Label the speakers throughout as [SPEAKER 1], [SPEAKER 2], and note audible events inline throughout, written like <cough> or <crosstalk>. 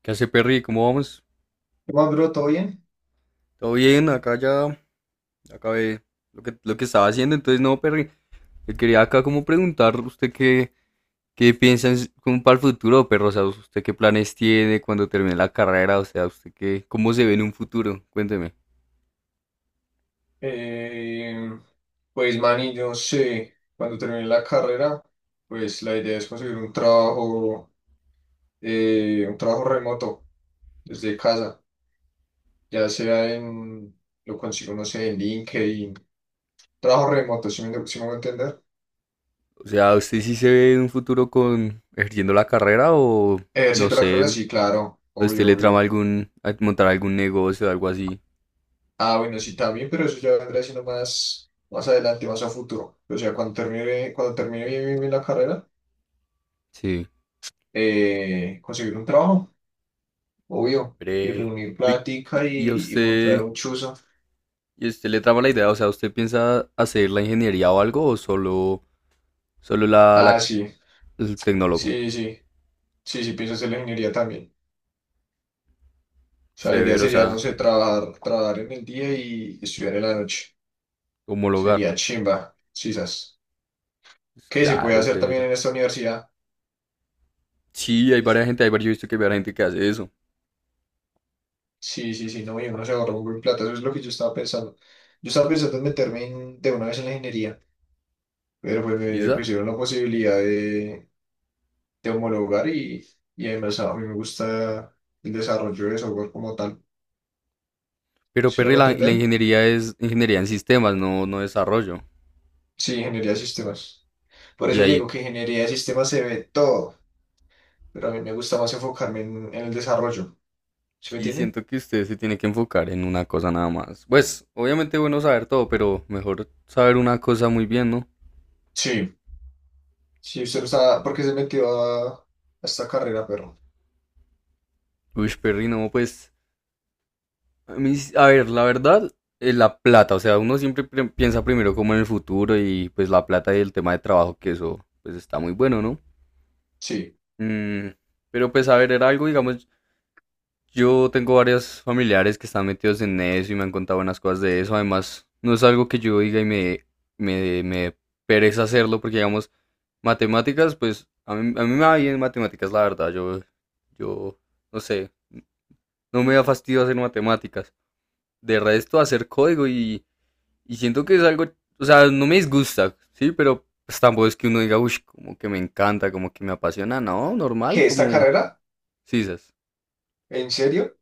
[SPEAKER 1] ¿Qué hace, Perry? ¿Cómo vamos?
[SPEAKER 2] ¿Qué más, bro? ¿Todo bien?
[SPEAKER 1] ¿Todo bien? Acá ya acabé lo que estaba haciendo. Entonces, no, Perry, le quería acá como preguntar usted qué piensa como para el futuro, Perro. O sea, usted qué planes tiene cuando termine la carrera. O sea, cómo se ve en un futuro. Cuénteme.
[SPEAKER 2] Eh, pues, Manny, yo sé, cuando termine la carrera, pues la idea es conseguir un trabajo remoto desde casa, ya sea en, lo consigo, no sé, en LinkedIn, trabajo remoto, si me voy a entender.
[SPEAKER 1] O sea, ¿usted sí se ve en un futuro con ejerciendo la carrera o no
[SPEAKER 2] Ejerciendo la carrera,
[SPEAKER 1] sé,
[SPEAKER 2] sí, claro,
[SPEAKER 1] a usted
[SPEAKER 2] obvio,
[SPEAKER 1] le trama
[SPEAKER 2] obvio.
[SPEAKER 1] a montar algún negocio o algo así?
[SPEAKER 2] Ah, bueno, sí, también, pero eso ya vendrá siendo más, más adelante, más a futuro. O sea, cuando termine bien, bien, bien la carrera,
[SPEAKER 1] Sí.
[SPEAKER 2] conseguir un trabajo. Obvio, y
[SPEAKER 1] Hombre,
[SPEAKER 2] reunir
[SPEAKER 1] Vic, ¿Y
[SPEAKER 2] plática
[SPEAKER 1] y a
[SPEAKER 2] y montar
[SPEAKER 1] usted?
[SPEAKER 2] un chuzo.
[SPEAKER 1] ¿Y usted le traba la idea? O sea, ¿usted piensa hacer la ingeniería o algo o solo, solo la,
[SPEAKER 2] Ah,
[SPEAKER 1] la-
[SPEAKER 2] sí,
[SPEAKER 1] el tecnólogo?
[SPEAKER 2] sí, sí, sí, sí, pienso hacer la ingeniería también. O sea, la idea
[SPEAKER 1] Severo, o
[SPEAKER 2] sería, no
[SPEAKER 1] sea,
[SPEAKER 2] sé, trabajar en el día y estudiar en la noche.
[SPEAKER 1] homologar.
[SPEAKER 2] Sería chimba, quizás.
[SPEAKER 1] Es
[SPEAKER 2] ¿Qué se puede
[SPEAKER 1] claro, es
[SPEAKER 2] hacer
[SPEAKER 1] severo.
[SPEAKER 2] también en esta universidad?
[SPEAKER 1] Sí, hay varias gente, hay varios, yo he visto que hay varias gente que hace eso.
[SPEAKER 2] Sí, sí, sí, no, y uno se ahorra un buen plata, eso es lo que yo estaba pensando. Yo estaba pensando en de una vez en la ingeniería, pero pues me
[SPEAKER 1] ¿Quizás?
[SPEAKER 2] pusieron la posibilidad de homologar y además a mí me gusta el desarrollo de software como tal.
[SPEAKER 1] Pero,
[SPEAKER 2] ¿Sí me
[SPEAKER 1] Perry,
[SPEAKER 2] voy a
[SPEAKER 1] la
[SPEAKER 2] entender?
[SPEAKER 1] ingeniería es ingeniería en sistemas, no desarrollo.
[SPEAKER 2] Sí, ingeniería de sistemas. Por
[SPEAKER 1] Y
[SPEAKER 2] eso le
[SPEAKER 1] ahí
[SPEAKER 2] digo que ingeniería de sistemas se ve todo, pero a mí me gusta más enfocarme en el desarrollo. ¿Sí me
[SPEAKER 1] sí
[SPEAKER 2] entiende?
[SPEAKER 1] siento que usted se tiene que enfocar en una cosa nada más. Pues, obviamente bueno saber todo, pero mejor saber una cosa muy bien, ¿no?
[SPEAKER 2] Sí. Sí, usted no está, ¿por qué se metió a esta carrera, pero
[SPEAKER 1] Uy, Perry, no, pues... A mí, sí, a ver, la verdad, la plata, o sea, uno siempre piensa primero como en el futuro y pues la plata y el tema de trabajo, que eso pues está muy bueno, ¿no?
[SPEAKER 2] sí.
[SPEAKER 1] Mm, pero pues a ver, era algo, digamos, yo tengo varios familiares que están metidos en eso y me han contado buenas cosas de eso, además, no es algo que yo diga y me dé pereza hacerlo, porque digamos, matemáticas, pues a mí me va bien en matemáticas, la verdad, yo, no sé, no me da fastidio hacer matemáticas. De resto, hacer código . Y siento que es algo, o sea, no me disgusta, ¿sí? Pero pues, tampoco es que uno diga, uy, como que me encanta, como que me apasiona. No, normal,
[SPEAKER 2] ¿Qué, esta
[SPEAKER 1] como
[SPEAKER 2] carrera?
[SPEAKER 1] sisas.
[SPEAKER 2] ¿En serio?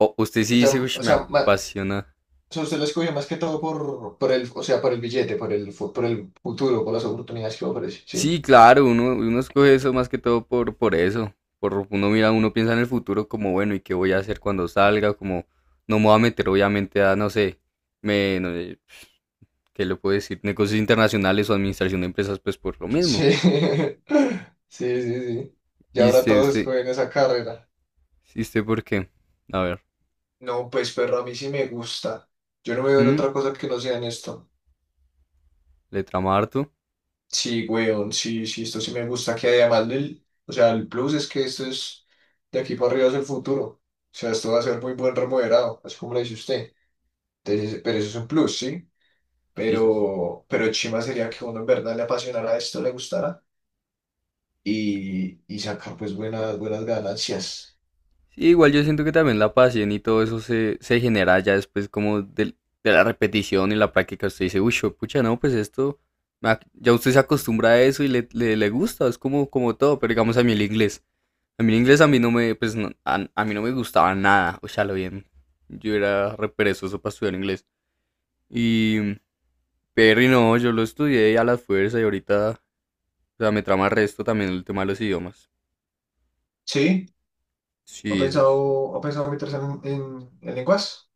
[SPEAKER 1] O usted
[SPEAKER 2] O
[SPEAKER 1] sí
[SPEAKER 2] sea,
[SPEAKER 1] dice, uy,
[SPEAKER 2] o
[SPEAKER 1] me
[SPEAKER 2] sea, ma-
[SPEAKER 1] apasiona.
[SPEAKER 2] o sea, usted la escogió más que todo por el, o sea, por el billete, por el, por el futuro, por las oportunidades que ofrece. Sí.
[SPEAKER 1] Sí, claro, uno escoge eso más que todo por eso. Por, uno mira, uno piensa en el futuro como, bueno, ¿y qué voy a hacer cuando salga? Como, no me voy a meter obviamente a, no sé, no, ¿qué le puedo decir? Negocios internacionales o administración de empresas, pues por lo mismo.
[SPEAKER 2] Sí. <laughs> Sí, sí, sí. Y
[SPEAKER 1] ¿Y
[SPEAKER 2] ahora todos escogen esa carrera.
[SPEAKER 1] usted por qué? A ver.
[SPEAKER 2] No, pues perro, a mí sí me gusta. Yo no me veo en
[SPEAKER 1] ¿Mm?
[SPEAKER 2] otra cosa que no sea en esto.
[SPEAKER 1] Le trama harto.
[SPEAKER 2] Sí, weón, sí, sí, esto sí me gusta. Que además del, o sea, el plus es que esto es de aquí para arriba es el futuro. O sea, esto va a ser muy buen remodelado, así como lo dice usted. Entonces, pero eso es un plus, sí.
[SPEAKER 1] Jesus.
[SPEAKER 2] Pero chima sería que uno en verdad le apasionara esto, le gustara y sacar pues buenas, buenas ganancias.
[SPEAKER 1] Sí, igual yo siento que también la pasión y todo eso se genera ya después como de la repetición y la práctica. Usted dice, uy, pucha, no, pues esto, ya usted se acostumbra a eso y le gusta, es como, como todo, pero digamos a mí el inglés. A mí el inglés a mí no me, pues, a mí no me gustaba nada, o sea, lo bien. Yo era re perezoso para estudiar inglés. Y, pero y no, yo lo estudié a la fuerza y ahorita, o sea, me trama el resto también el tema de los idiomas.
[SPEAKER 2] Sí,
[SPEAKER 1] Sí, sí, sí.
[SPEAKER 2] ¿ha pensado meterse en lenguas?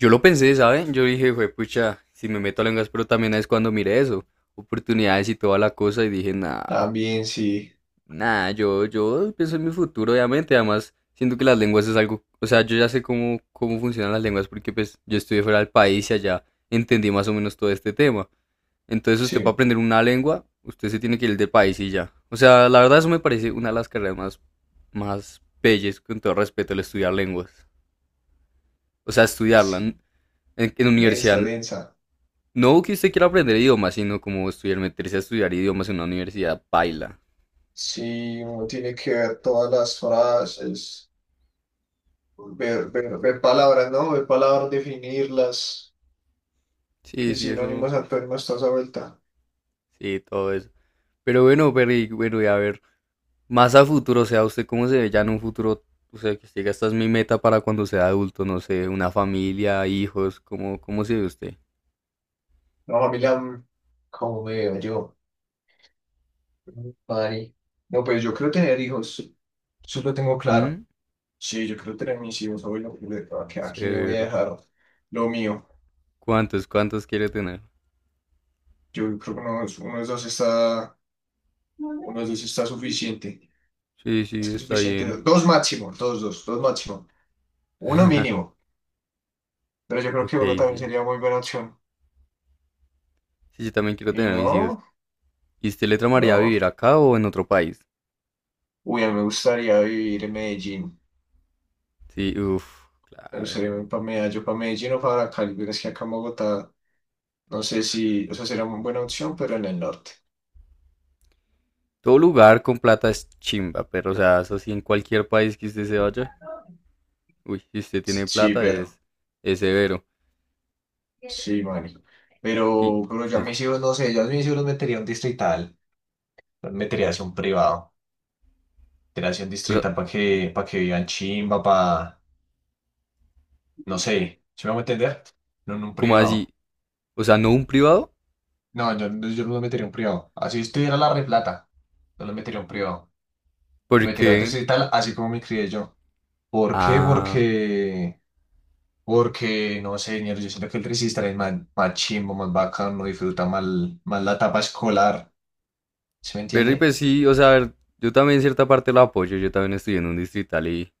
[SPEAKER 1] Yo lo pensé, ¿saben? Yo dije, güey, pucha, si me meto a lenguas, pero también es cuando miré eso, oportunidades y toda la cosa, y dije, nah,
[SPEAKER 2] También sí,
[SPEAKER 1] nah, yo, pienso en mi futuro, obviamente, además, siento que las lenguas es algo, o sea, yo ya sé cómo, cómo funcionan las lenguas, porque pues yo estudié fuera del país y allá entendí más o menos todo este tema. Entonces usted para
[SPEAKER 2] sí.
[SPEAKER 1] aprender una lengua, usted se tiene que ir del país y ya. O sea, la verdad eso me parece una de las carreras más, más bellas, con todo respeto, el estudiar lenguas. O sea, estudiarla en,
[SPEAKER 2] Sí.
[SPEAKER 1] en
[SPEAKER 2] Densa,
[SPEAKER 1] universidad.
[SPEAKER 2] densa.
[SPEAKER 1] No que usted quiera aprender idiomas, sino como estudiar, meterse a estudiar idiomas en una universidad paila.
[SPEAKER 2] Sí, uno tiene que ver todas las frases, ver palabras, ¿no? Ver palabras, definirlas,
[SPEAKER 1] Sí,
[SPEAKER 2] qué
[SPEAKER 1] sí, eso,
[SPEAKER 2] sinónimos, antónimos, toda esa vuelta.
[SPEAKER 1] sí, todo eso. Pero bueno, Perry, bueno, y a ver, más a futuro, o sea, usted cómo se ve ya en un futuro, o sea, que usted diga, esta es mi meta para cuando sea adulto, no sé, una familia, hijos, ¿cómo se ve usted?
[SPEAKER 2] No, familia, mm, ¿cómo me veo yo? Mm, Mari. No, pues yo quiero tener hijos, eso lo tengo claro.
[SPEAKER 1] ¿Mm?
[SPEAKER 2] Sí, yo quiero tener mis hijos, abuelo, ¿a a quién le voy a
[SPEAKER 1] Severo.
[SPEAKER 2] dejar lo mío?
[SPEAKER 1] ¿Cuántos quiere tener?
[SPEAKER 2] Yo creo que uno, uno de los dos está, uno de los dos está suficiente,
[SPEAKER 1] Sí, sí,
[SPEAKER 2] más que
[SPEAKER 1] está
[SPEAKER 2] suficiente,
[SPEAKER 1] bien.
[SPEAKER 2] dos máximo, dos máximo, uno mínimo. Pero yo creo
[SPEAKER 1] Ok,
[SPEAKER 2] que uno también
[SPEAKER 1] sí.
[SPEAKER 2] sería muy buena opción.
[SPEAKER 1] Sí, yo también quiero
[SPEAKER 2] Y
[SPEAKER 1] tener mis hijos.
[SPEAKER 2] no,
[SPEAKER 1] ¿Y usted le tramaría
[SPEAKER 2] no.
[SPEAKER 1] vivir acá o en otro país?
[SPEAKER 2] Uy, a mí me gustaría vivir en Medellín.
[SPEAKER 1] Sí, uff,
[SPEAKER 2] Me
[SPEAKER 1] claro.
[SPEAKER 2] gustaría ir para Medellín o para Cali, pero es que acá en Bogotá, no sé si, o sea, sería muy buena opción, pero en el norte.
[SPEAKER 1] Todo lugar con plata es chimba, pero o sea, eso sí, en cualquier país que usted se vaya, uy, si usted tiene
[SPEAKER 2] Sí,
[SPEAKER 1] plata es,
[SPEAKER 2] pero,
[SPEAKER 1] es severo.
[SPEAKER 2] sí, Mari.
[SPEAKER 1] Y
[SPEAKER 2] Pero yo a
[SPEAKER 1] eso.
[SPEAKER 2] mis hijos, no sé, yo a mis hijos los metería a un distrital, los metería hacia un privado, metería hacia un
[SPEAKER 1] O sea,
[SPEAKER 2] distrital para que vivan chimba, para, no sé, ¿se me va a entender? No en un
[SPEAKER 1] como
[SPEAKER 2] privado.
[SPEAKER 1] así, o sea, no un privado,
[SPEAKER 2] No, yo no lo metería a un privado. Así estuviera la replata. No lo metería a un privado. Lo metería a un
[SPEAKER 1] porque...
[SPEAKER 2] distrital, así como me crié yo. ¿Por qué?
[SPEAKER 1] Ah,
[SPEAKER 2] Porque, no sé, señor, yo siento que el resistor es más, más chimbo, más bacano, no disfruta más, más la etapa escolar. ¿Sí me
[SPEAKER 1] pero y
[SPEAKER 2] entiende?
[SPEAKER 1] pues sí, o sea, a ver, yo también en cierta parte lo apoyo, yo también estudié en un distrital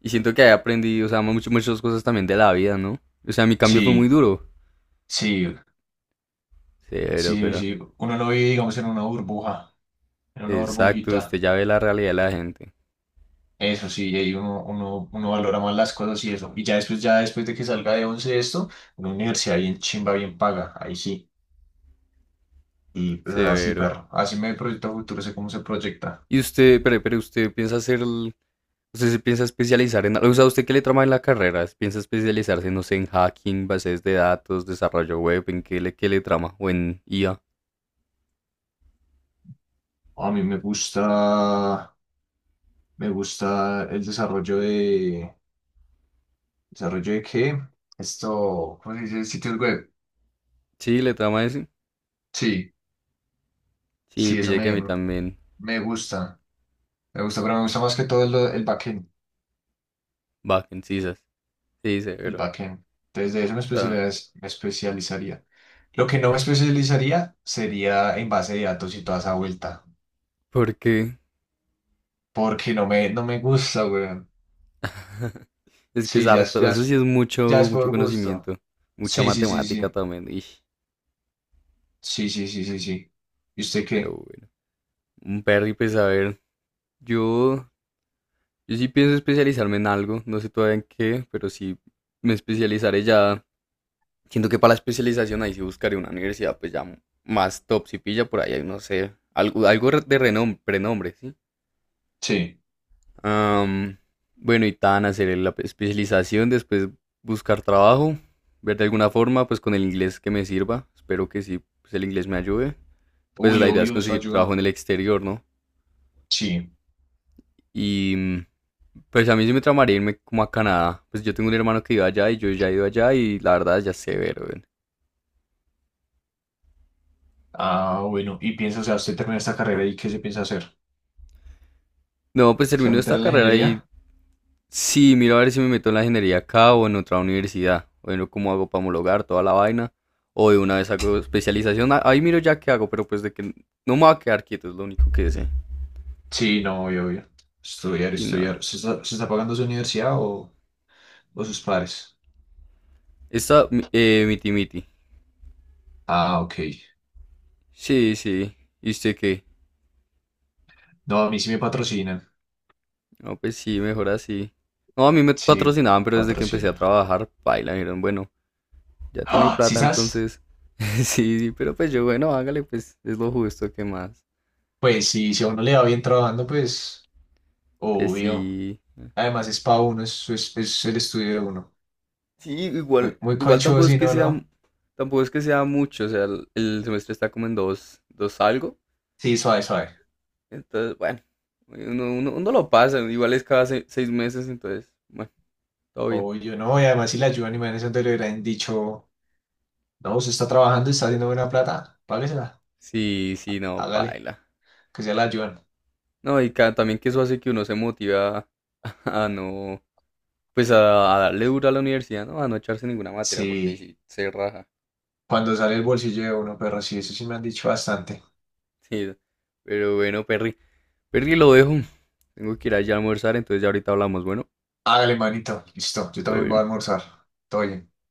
[SPEAKER 1] y siento que ahí aprendí, o sea, muchas, muchas cosas también de la vida, ¿no? O sea, mi cambio fue muy
[SPEAKER 2] Sí,
[SPEAKER 1] duro.
[SPEAKER 2] sí,
[SPEAKER 1] Severo,
[SPEAKER 2] sí,
[SPEAKER 1] pero...
[SPEAKER 2] sí. Uno no vive, digamos, en una burbuja, en una
[SPEAKER 1] Exacto, usted
[SPEAKER 2] burbujita.
[SPEAKER 1] ya ve la realidad de la gente.
[SPEAKER 2] Eso sí, y ahí uno valora más las cosas y eso. Y ya después de que salga de once esto, una universidad bien chimba, bien paga. Ahí sí. Y pues así,
[SPEAKER 1] Severo.
[SPEAKER 2] perro. Así me proyecto a futuro, sé cómo se proyecta.
[SPEAKER 1] Y usted, pero usted piensa hacer ¿Usted se piensa especializar en... algo? O sea, ¿usted qué le trama en la carrera? ¿Piensa especializarse, no sé, en hacking, bases de datos, desarrollo web? ¿En qué le trama? ¿O en IA?
[SPEAKER 2] A mí me gusta el ¿desarrollo de qué? Esto, ¿cómo se dice? Sitios web.
[SPEAKER 1] Sí, le trama eso.
[SPEAKER 2] Sí,
[SPEAKER 1] Sí,
[SPEAKER 2] sí, eso
[SPEAKER 1] pillé que a
[SPEAKER 2] me,
[SPEAKER 1] mí también.
[SPEAKER 2] me gusta. Me gusta, pero me gusta más que todo el backend,
[SPEAKER 1] Backend, sisas. Sí,
[SPEAKER 2] el
[SPEAKER 1] severo.
[SPEAKER 2] backend. Entonces, de eso
[SPEAKER 1] O sea,
[SPEAKER 2] me especializaría. Lo que no me especializaría sería en base de datos y toda esa vuelta,
[SPEAKER 1] porque...
[SPEAKER 2] porque no me gusta, weón.
[SPEAKER 1] <laughs> es que es
[SPEAKER 2] Sí, ya, es-
[SPEAKER 1] harto.
[SPEAKER 2] ya,
[SPEAKER 1] Eso sí
[SPEAKER 2] es-
[SPEAKER 1] es
[SPEAKER 2] ya
[SPEAKER 1] mucho,
[SPEAKER 2] es
[SPEAKER 1] mucho
[SPEAKER 2] por gusto.
[SPEAKER 1] conocimiento. Mucha
[SPEAKER 2] Sí, sí, sí,
[SPEAKER 1] matemática
[SPEAKER 2] sí.
[SPEAKER 1] también. Ish,
[SPEAKER 2] Sí, sí, sí, sí, sí. ¿Y usted
[SPEAKER 1] pero
[SPEAKER 2] qué?
[SPEAKER 1] bueno. Un perry, pues a ver. Yo, yo sí pienso especializarme en algo. No sé todavía en qué, pero sí me especializaré ya. Siento que para la especialización ahí sí buscaré una universidad, pues ya más top, si pilla por ahí, hay, no sé, algo, algo de renombre, ¿sí?
[SPEAKER 2] Sí.
[SPEAKER 1] Am, bueno, y tan hacer la especialización, después buscar trabajo, ver de alguna forma, pues con el inglés que me sirva, espero que sí, pues el inglés me ayude. Pues
[SPEAKER 2] Uy,
[SPEAKER 1] la idea es
[SPEAKER 2] obvio, eso
[SPEAKER 1] conseguir trabajo
[SPEAKER 2] ayuda.
[SPEAKER 1] en el exterior, ¿no?
[SPEAKER 2] Sí.
[SPEAKER 1] Y pues a mí sí me tramaría irme como a Canadá. Pues yo tengo un hermano que iba allá y yo ya he ido allá y la verdad ya sé ver.
[SPEAKER 2] Ah, bueno. ¿Y piensa, o sea, usted termina esta carrera y qué se piensa hacer?
[SPEAKER 1] No, pues
[SPEAKER 2] ¿Se va a
[SPEAKER 1] termino
[SPEAKER 2] meter
[SPEAKER 1] esta
[SPEAKER 2] en la
[SPEAKER 1] carrera.
[SPEAKER 2] ingeniería?
[SPEAKER 1] Sí, miro a ver si me meto en la ingeniería acá o en otra universidad. Bueno, cómo hago para homologar toda la vaina. O de una vez hago especialización. Ahí miro ya qué hago, pero pues de que no me voy a quedar quieto, es lo único que sé.
[SPEAKER 2] Sí, no, obvio, obvio. Estudiar,
[SPEAKER 1] Sí, nada.
[SPEAKER 2] estudiar. ¿Se está pagando su universidad o sus padres?
[SPEAKER 1] Miti miti.
[SPEAKER 2] Ah, ok.
[SPEAKER 1] Sí, sí. ¿Y usted qué?
[SPEAKER 2] No, a mí sí me patrocinan.
[SPEAKER 1] No, pues sí, mejor así. No, a mí me
[SPEAKER 2] Sí,
[SPEAKER 1] patrocinaban, pero desde que empecé a
[SPEAKER 2] patrocinio.
[SPEAKER 1] trabajar, baila, dijeron, bueno, ya tiene
[SPEAKER 2] ¡Ah! ¿Sí
[SPEAKER 1] plata,
[SPEAKER 2] sabes?
[SPEAKER 1] entonces. <laughs> Sí, sí, pero pues yo, bueno, hágale, pues es lo justo, ¿qué más?
[SPEAKER 2] Pues sí, si a uno le va bien trabajando, pues,
[SPEAKER 1] Pues
[SPEAKER 2] obvio.
[SPEAKER 1] sí.
[SPEAKER 2] Además es para uno, es el estudio de uno.
[SPEAKER 1] Sí,
[SPEAKER 2] Muy,
[SPEAKER 1] igual,
[SPEAKER 2] muy
[SPEAKER 1] igual
[SPEAKER 2] conchudo,
[SPEAKER 1] tampoco es
[SPEAKER 2] si
[SPEAKER 1] que
[SPEAKER 2] no,
[SPEAKER 1] sea,
[SPEAKER 2] ¿no?
[SPEAKER 1] tampoco es que sea mucho, o sea, el semestre está como en dos algo,
[SPEAKER 2] Sí, suave, suave.
[SPEAKER 1] entonces, bueno, uno lo pasa, igual es cada seis meses, entonces, bueno, todo bien.
[SPEAKER 2] O yo no, y además si la ayudan, imagínense le hubieran dicho, no, usted está trabajando, está haciendo buena plata, páguesela,
[SPEAKER 1] Sí, sí, no,
[SPEAKER 2] hágale,
[SPEAKER 1] paila.
[SPEAKER 2] que sea la ayudan.
[SPEAKER 1] No, y también que eso hace que uno se motiva a, <laughs> a no, pues a darle duro a la universidad, ¿no? A no echarse ninguna materia, porque ahí
[SPEAKER 2] Sí,
[SPEAKER 1] sí se raja.
[SPEAKER 2] cuando sale el bolsillo de uno, pero sí, eso sí me han dicho bastante.
[SPEAKER 1] Sí, pero bueno, Perry, lo dejo, tengo que ir allá a almorzar, entonces ya ahorita hablamos, bueno,
[SPEAKER 2] Hágale, manito, listo, yo
[SPEAKER 1] todo
[SPEAKER 2] también voy a
[SPEAKER 1] bien.
[SPEAKER 2] almorzar. Todo bien.